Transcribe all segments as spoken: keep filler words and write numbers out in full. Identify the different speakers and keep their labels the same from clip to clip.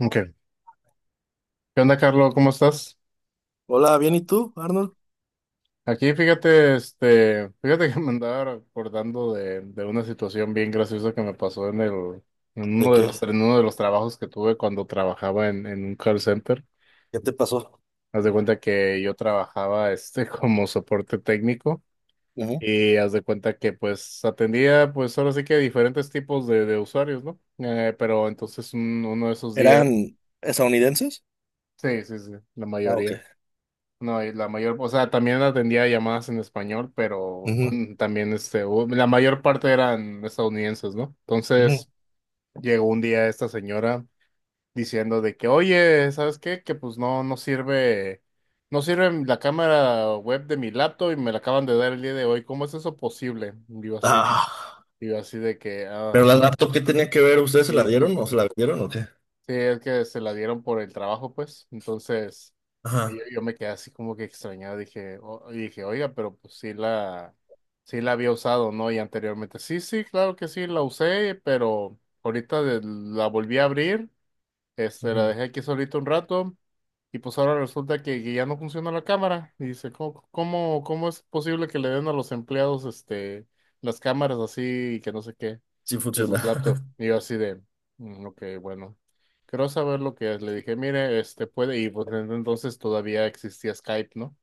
Speaker 1: Ok. ¿Qué onda, Carlos? ¿Cómo estás?
Speaker 2: Hola, bien, ¿y tú, Arnold?
Speaker 1: Aquí, fíjate, este, fíjate que me andaba acordando de, de una situación bien graciosa que me pasó en el, en
Speaker 2: ¿De
Speaker 1: uno de
Speaker 2: qué?
Speaker 1: los, en uno de los trabajos que tuve cuando trabajaba en, en un call center.
Speaker 2: ¿Qué te pasó?
Speaker 1: Haz de cuenta que yo trabajaba, este, como soporte técnico
Speaker 2: Ujú.
Speaker 1: y haz de cuenta que, pues, atendía, pues, ahora sí que diferentes tipos de, de usuarios, ¿no? Eh, pero entonces un- uno de esos días,
Speaker 2: ¿Eran estadounidenses?
Speaker 1: sí, sí, sí, la
Speaker 2: Ah,
Speaker 1: mayoría.
Speaker 2: ok.
Speaker 1: No, y la mayor, o sea, también atendía llamadas en español, pero
Speaker 2: Ujú,
Speaker 1: cuan- también este, hubo- la mayor parte eran estadounidenses, ¿no?
Speaker 2: ujú.
Speaker 1: Entonces llegó un día esta señora diciendo de que, oye, ¿sabes qué? Que pues no, no sirve, no sirve la cámara web de mi laptop y me la acaban de dar el día de hoy. ¿Cómo es eso posible? Digo así,
Speaker 2: Ah,
Speaker 1: digo así de que, ah,
Speaker 2: pero la laptop, ¿qué tenía que ver? ¿Ustedes se la dieron o se la vendieron o qué?
Speaker 1: sí, es que se la dieron por el trabajo, pues. Entonces, yo,
Speaker 2: Ajá.
Speaker 1: yo me quedé así como que extrañado. Dije, o- y dije, oiga, pero pues sí la, sí la había usado, ¿no? Y anteriormente, sí, sí, claro que sí, la usé, pero ahorita de- la volví a abrir, este, la
Speaker 2: Ujú.
Speaker 1: dejé aquí solita un rato y pues ahora resulta que, que ya no funciona la cámara. Y dice, ¿cómo, cómo, ¿cómo es posible que le den a los empleados este las cámaras así y que no sé qué
Speaker 2: Sí
Speaker 1: de sus
Speaker 2: funciona.
Speaker 1: laptops? Y yo así de, "Mm, ok, bueno, quiero saber lo que es." Le dije, mire, este puede, y pues en- entonces todavía existía Skype, ¿no?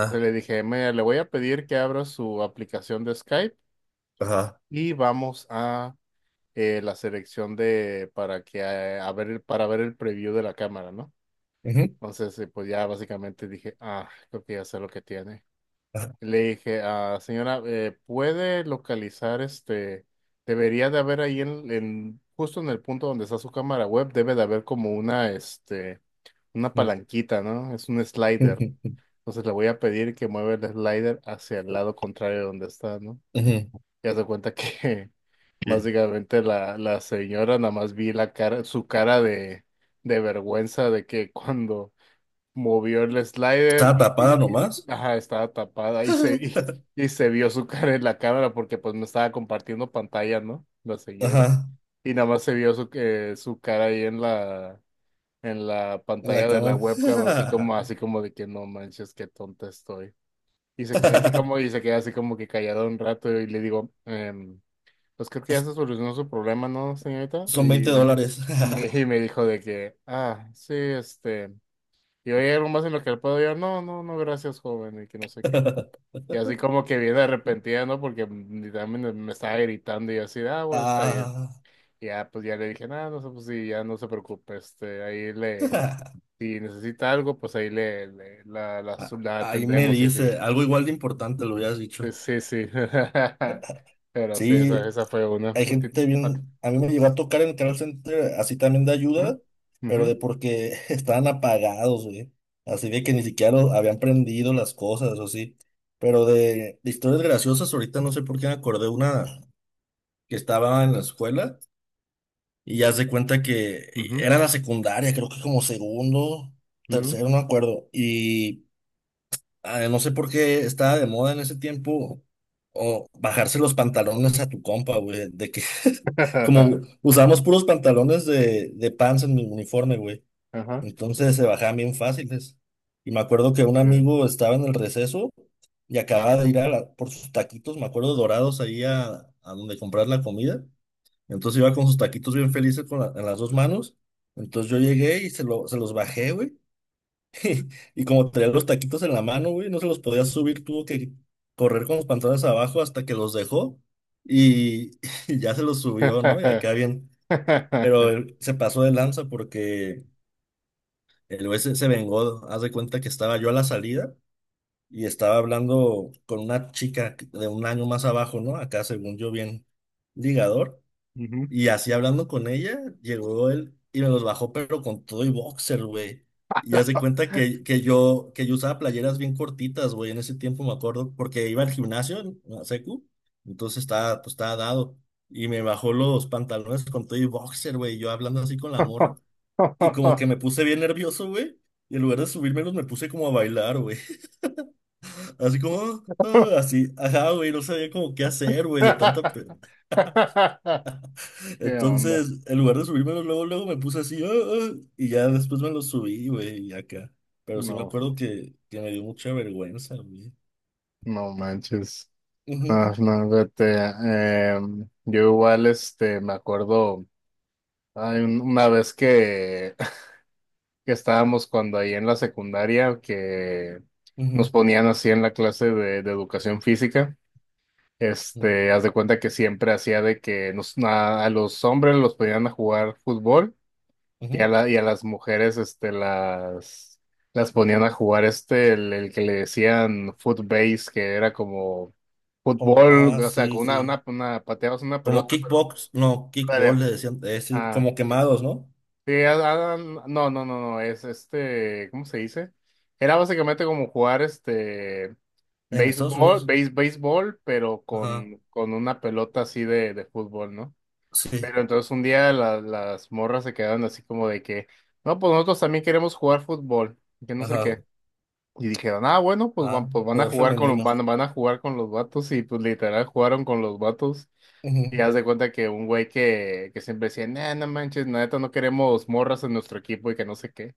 Speaker 1: Entonces le dije, mire, le voy a pedir que abra su aplicación de Skype
Speaker 2: Ajá.
Speaker 1: y vamos a eh, la selección de para que eh, a ver, para ver el preview de la cámara, ¿no?
Speaker 2: Ujú,
Speaker 1: Entonces, sí, pues ya básicamente dije, ah, creo que ya sé lo que tiene.
Speaker 2: ajá,
Speaker 1: Le dije, ah, señora, eh, ¿puede localizar este? Debería de haber ahí en, en- justo en el punto donde está su cámara web, debe de haber como una, este, una
Speaker 2: ujú,
Speaker 1: palanquita, ¿no? Es un slider.
Speaker 2: ujú.
Speaker 1: Entonces le voy a pedir que mueva el slider hacia el lado contrario de donde está, ¿no? Ya se cuenta que
Speaker 2: ¿Qué?
Speaker 1: básicamente la, la señora nada más vi la cara, su cara de, de vergüenza de que cuando movió el slider
Speaker 2: ¿Estaba
Speaker 1: y, y-
Speaker 2: tapada
Speaker 1: y- y-
Speaker 2: nomás?
Speaker 1: ajá, estaba tapada y se, y, y se vio su cara en la cámara porque pues me estaba compartiendo pantalla, ¿no? La señora.
Speaker 2: Ajá.
Speaker 1: Y nada más se vio su, que su cara ahí en la, en la
Speaker 2: En la
Speaker 1: pantalla de la
Speaker 2: cámara.
Speaker 1: webcam, así como, así como de que no manches, qué tonta estoy. Y se queda así como, y se queda así como que callado un rato y le digo, em, pues creo que ya se solucionó su problema, ¿no, señorita? Y
Speaker 2: Son veinte
Speaker 1: me,
Speaker 2: dólares.
Speaker 1: y me, y me dijo de que, ah, sí, este... Y oye, algo más en lo que le puedo yo, no, no, no, gracias, joven, y que no sé qué. Y así como que viene arrepentida, ¿no? Porque mm, también me me estaba gritando y yo así, ah, bueno, está bien.
Speaker 2: Ah.
Speaker 1: Y ya, pues ya le dije, nada, no sé, pues sí, ya no se preocupe, este, ahí le, si necesita algo, pues ahí le, le- la, la,
Speaker 2: Ah,
Speaker 1: su- la
Speaker 2: ahí me
Speaker 1: atendemos y así.
Speaker 2: dice, algo igual de importante lo hubieras
Speaker 1: Sí,
Speaker 2: dicho.
Speaker 1: sí, sí. Pero sí, esa,
Speaker 2: Sí,
Speaker 1: esa fue una.
Speaker 2: hay
Speaker 1: No te-
Speaker 2: gente
Speaker 1: no te-
Speaker 2: bien, a mí me llegó a tocar en el call center así también de ayuda, pero de porque estaban apagados, güey. Así de que ni siquiera lo- habían prendido las cosas, o sí. Pero de, de historias graciosas, ahorita no sé por qué me acordé una que estaba en la escuela y ya se cuenta que
Speaker 1: Ujú, ujú,
Speaker 2: era la secundaria, creo que como segundo,
Speaker 1: ujú, ujú.
Speaker 2: tercero, no me acuerdo. Y ah, no sé por qué estaba de moda en ese tiempo o bajarse los pantalones a tu compa, güey, de que como usamos puros pantalones de, de pants en mi uniforme, güey,
Speaker 1: Ajá.
Speaker 2: entonces se bajaban bien fáciles. Y me acuerdo que un
Speaker 1: eh.
Speaker 2: amigo estaba en el receso y acababa de ir a la- por sus taquitos, me acuerdo, dorados ahí a, a donde comprar la comida. Entonces iba con sus taquitos bien felices con la- en las dos manos. Entonces yo llegué y se, lo, se los bajé, güey. Y como traía los taquitos en la mano, güey, no se los podía subir, tuvo que correr con los pantalones abajo hasta que los dejó y, y ya se los subió, ¿no? Y acá bien, pero él se pasó de lanza porque el güey se, se vengó, haz de cuenta que estaba yo a la salida y estaba hablando con una chica de un año más abajo, ¿no? Acá según yo bien ligador.
Speaker 1: Ujú.
Speaker 2: Y así hablando con ella, llegó él y me los bajó, pero con todo y boxer, güey. Y hace cuenta que, que yo, que yo usaba playeras bien cortitas, güey, en ese tiempo me acuerdo, porque iba al gimnasio, a secu, entonces estaba, pues estaba dado. Y me bajó los pantalones con todo y boxer, güey, y yo hablando así con la morra. Y como que me puse bien nervioso, güey. Y en lugar de subírmelos, me puse como a bailar, güey. Así como, ah, así, ajá, güey, no sabía como qué hacer, güey, de tanta.
Speaker 1: ¿Qué onda?
Speaker 2: Entonces, en lugar de subírmelos luego, luego me puse así, "Ah, ah", y ya después me los subí, güey, y acá. Pero sí me
Speaker 1: No,
Speaker 2: acuerdo que, que me dio mucha vergüenza, güey.
Speaker 1: no manches. Ah,
Speaker 2: Ujú,
Speaker 1: no, vete. Em, yo igual, este, me acuerdo, hay un- una vez que, que estábamos cuando ahí en la secundaria, que nos
Speaker 2: ujú,
Speaker 1: ponían así en la clase de, de educación física.
Speaker 2: ujú,
Speaker 1: Este, haz de cuenta que siempre hacía de que nos, a a los hombres los ponían a jugar fútbol. Y a,
Speaker 2: ujú.
Speaker 1: la, y a las mujeres este, las, las ponían a jugar este, el, el que le decían footbase, que era como
Speaker 2: Como,
Speaker 1: fútbol,
Speaker 2: ah,
Speaker 1: o sea,
Speaker 2: sí,
Speaker 1: con una,
Speaker 2: sí.
Speaker 1: una, una pateabas una
Speaker 2: Como
Speaker 1: pelota, pero
Speaker 2: kickbox, no, kickball
Speaker 1: área.
Speaker 2: le decían, eh, sí,
Speaker 1: Ah,
Speaker 2: como
Speaker 1: que-
Speaker 2: quemados, ¿no?
Speaker 1: que- ah, ah, no, no, no, no, es este, ¿cómo se dice? Era básicamente como jugar este
Speaker 2: En Estados
Speaker 1: béisbol,
Speaker 2: Unidos.
Speaker 1: béis, béisbol, pero
Speaker 2: Ajá,
Speaker 1: con, con una pelota así de, de fútbol, ¿no?
Speaker 2: sí,
Speaker 1: Pero entonces un día la- las morras se quedaron así como de que, no, pues nosotros también queremos jugar fútbol, que no sé
Speaker 2: ajá,
Speaker 1: qué. Y dijeron, ah, bueno, pues van,
Speaker 2: ah,
Speaker 1: pues van a
Speaker 2: poder
Speaker 1: jugar con los,
Speaker 2: femenino.
Speaker 1: van, van a jugar con los vatos, y pues literal jugaron con los vatos. Y
Speaker 2: Ujú,
Speaker 1: haz de cuenta que un güey que, que siempre decía, nah, no manches, la neta no queremos morras en nuestro equipo y que no sé qué.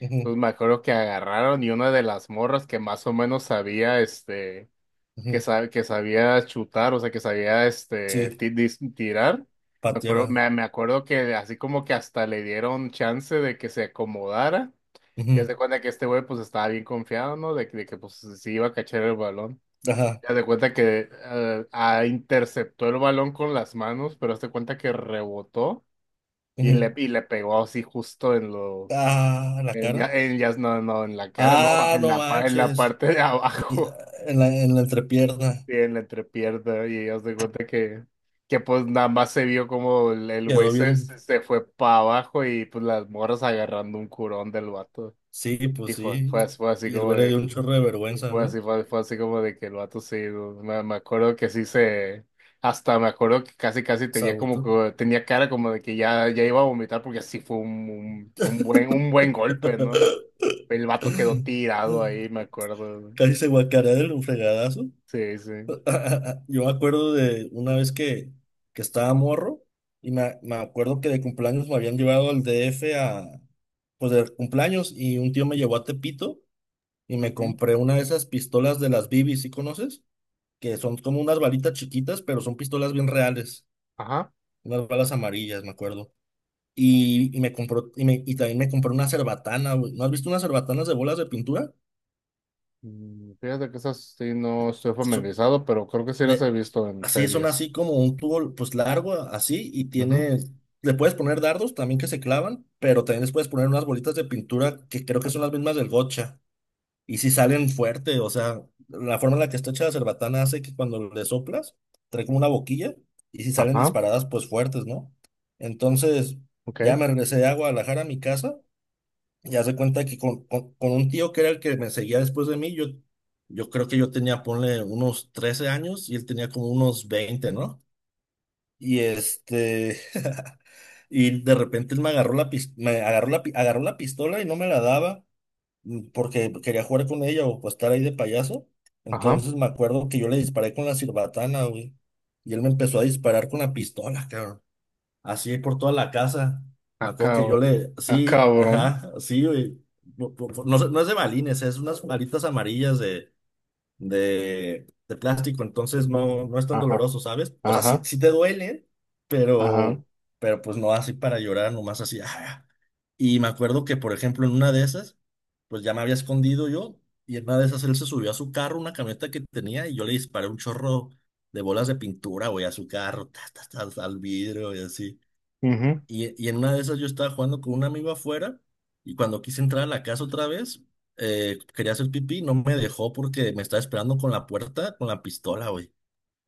Speaker 2: ujú,
Speaker 1: Entonces me acuerdo que agarraron y una de las morras que más o menos sabía, este que,
Speaker 2: ujú.
Speaker 1: sa- que sabía chutar, o sea, que sabía este,
Speaker 2: Sí,
Speaker 1: ti- dis- tirar. Me
Speaker 2: patera.
Speaker 1: acuerdo, me, me acuerdo que así como que hasta le dieron chance de que se acomodara. Y haz
Speaker 2: Ujú,
Speaker 1: de cuenta que este güey pues estaba bien confiado, ¿no? De, que- de que pues sí iba a cachar el balón.
Speaker 2: ajá,
Speaker 1: Y haz de cuenta que eh, ah, interceptó el balón con las manos, pero haz de cuenta que rebotó y
Speaker 2: ujú.
Speaker 1: le, y le pegó así justo en los...
Speaker 2: Ah, la
Speaker 1: En,
Speaker 2: cara.
Speaker 1: ya, en, ya, no, no, en la cara, no,
Speaker 2: Ah,
Speaker 1: en
Speaker 2: no
Speaker 1: la, pa- en la
Speaker 2: manches.
Speaker 1: parte de
Speaker 2: y, ah,
Speaker 1: abajo.
Speaker 2: en la, en la entrepierna.
Speaker 1: Sí, en la entrepierna y haz de cuenta que, que pues nada más se vio como el, el güey
Speaker 2: Quedó
Speaker 1: se,
Speaker 2: bien.
Speaker 1: se se fue para abajo y pues las morras agarrando un curón del vato.
Speaker 2: Sí, pues
Speaker 1: Y fue, fue,
Speaker 2: sí.
Speaker 1: as- fue así
Speaker 2: Y el
Speaker 1: como
Speaker 2: güey le dio
Speaker 1: de,
Speaker 2: un chorro de
Speaker 1: y
Speaker 2: vergüenza,
Speaker 1: fue
Speaker 2: ¿no?
Speaker 1: así, fue, fue así como de que el vato sí, no, me, me acuerdo que sí se, hasta me acuerdo que casi casi tenía como
Speaker 2: Sabuto.
Speaker 1: que, tenía cara como de que ya, ya iba a vomitar porque sí fue un, un, un buen, un buen golpe, ¿no? El vato quedó tirado ahí, me acuerdo.
Speaker 2: Casi se guacarea de un fregadazo.
Speaker 1: Sí, sí.
Speaker 2: Yo me acuerdo de una vez que, que estaba morro y me, me acuerdo que de cumpleaños me habían llevado al D F a, pues de cumpleaños y un tío me llevó a Tepito y me
Speaker 1: Ujú.
Speaker 2: compré una de esas pistolas de las B B, ¿sí conoces? Que son como unas balitas chiquitas, pero son pistolas bien reales.
Speaker 1: Ajá.
Speaker 2: Unas balas amarillas, me acuerdo. Y, y me compró, y, me- y también me compró una cerbatana, güey. ¿No has visto unas cerbatanas de bolas de pintura?
Speaker 1: Mm, Fíjate que esas sí no estoy
Speaker 2: So-
Speaker 1: familiarizado, pero creo que sí las he
Speaker 2: de,
Speaker 1: visto en
Speaker 2: Así son
Speaker 1: series.
Speaker 2: así como un tubo, pues largo, así, y
Speaker 1: Ujú.
Speaker 2: tiene, le puedes poner dardos también que se clavan, pero también les puedes poner unas bolitas de pintura que creo que son las mismas del gocha. Y si salen fuerte, o sea, la forma en la que está hecha la cerbatana hace que cuando le soplas, trae como una boquilla, y si salen
Speaker 1: Ajá,
Speaker 2: disparadas, pues fuertes, ¿no? Entonces,
Speaker 1: ok,
Speaker 2: ya me regresé a Guadalajara a mi casa. Ya se cuenta que con, con- con un tío que era el que me seguía después de mí, yo, yo creo que yo tenía, ponle, unos trece años y él tenía como unos veinte, ¿no? Y este, y de repente él me agarró la, pis- me agarró la, pi- agarró la pistola y no me la daba, mm, porque quería jugar con ella o pues, estar ahí de payaso.
Speaker 1: ajá,
Speaker 2: Entonces me acuerdo que yo le disparé con la sirbatana, güey. Y él me empezó a disparar con la pistola, cabrón. Así por toda la casa. Me acuerdo
Speaker 1: acá,
Speaker 2: que yo le.
Speaker 1: ah,
Speaker 2: Sí,
Speaker 1: cabrón,
Speaker 2: ajá, sí, güey. No, no- no no es no de balines, es unas varitas amarillas de, de, de plástico, entonces no, no es tan
Speaker 1: ajá,
Speaker 2: doloroso, ¿sabes? O sea, sí,
Speaker 1: ajá,
Speaker 2: sí te duele,
Speaker 1: ajá,
Speaker 2: pero, pero pues no así para llorar, nomás así. ah. Y me acuerdo que, por ejemplo, en una de esas, pues ya me había escondido yo, y en una de esas él se subió a su carro, una camioneta que tenía, y yo le disparé un chorro de bolas de pintura, güey, a su carro, ta, ta, ta, al vidrio y así.
Speaker 1: ujú.
Speaker 2: Y, y en una de esas yo estaba jugando con un amigo afuera y cuando quise entrar a la casa otra vez, eh, quería hacer pipí, no me dejó porque me estaba esperando con la puerta, con la pistola, güey.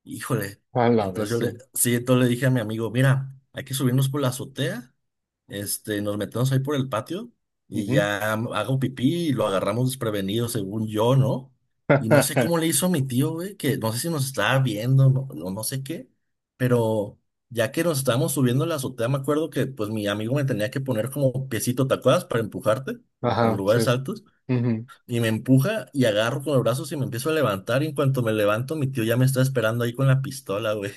Speaker 2: Híjole.
Speaker 1: A la
Speaker 2: Entonces yo
Speaker 1: bestia,
Speaker 2: le, sí, entonces le dije a mi amigo, mira, hay que subirnos por la azotea, este, nos metemos ahí por el patio y
Speaker 1: ujú.
Speaker 2: ya hago pipí y lo agarramos desprevenido, según yo, ¿no? Y no sé cómo le hizo a mi tío, güey, que no sé si nos estaba viendo, no, no, no sé qué, pero ya que nos estábamos subiendo a la azotea, me acuerdo que pues mi amigo me tenía que poner como piecito, ¿te acuerdas? Para empujarte en
Speaker 1: Ajá, sí,
Speaker 2: lugares altos.
Speaker 1: ujú.
Speaker 2: Y me empuja y agarro con los brazos y me empiezo a levantar. Y en cuanto me levanto, mi tío ya me está esperando ahí con la pistola, güey.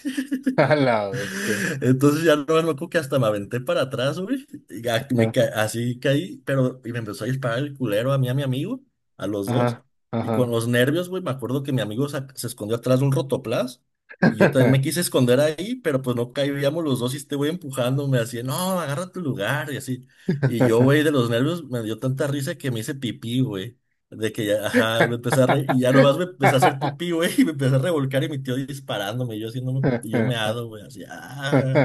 Speaker 1: A la bestia,
Speaker 2: Entonces ya no me acuerdo que hasta me aventé para atrás, güey. Y ya me
Speaker 1: ah,
Speaker 2: ca- así caí, pero y me empezó a disparar el culero a mí, a mi amigo, a los dos.
Speaker 1: ajá,
Speaker 2: Y con
Speaker 1: ajá.
Speaker 2: los nervios, güey, me acuerdo que mi amigo sa- se, escondió atrás de un rotoplas. Y yo también me quise esconder ahí, pero pues no caíamos los dos y este güey empujándome así, no, agarra tu lugar y así. Y yo, güey, de los nervios me dio tanta risa que me hice pipí, güey. De que ya, ajá, me empecé a re- y ya nomás me empecé a hacer pipí, güey, y me empecé a revolcar y mi tío disparándome, y yo haciéndome, y yo meado, güey, así, ah.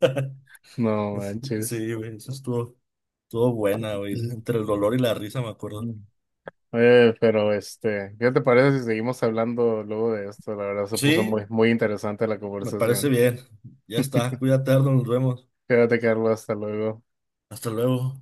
Speaker 1: No manches.
Speaker 2: Sí, güey, eso estuvo, estuvo, buena, güey, entre el dolor y la risa, me acuerdo.
Speaker 1: Oye, pero este, ¿qué te parece si seguimos hablando luego de esto? La verdad se puso muy,
Speaker 2: Sí,
Speaker 1: muy interesante la
Speaker 2: me parece
Speaker 1: conversación.
Speaker 2: bien. Ya está, cuídate, Arnold, nos vemos.
Speaker 1: Quédate, Carlos, hasta luego.
Speaker 2: Hasta luego.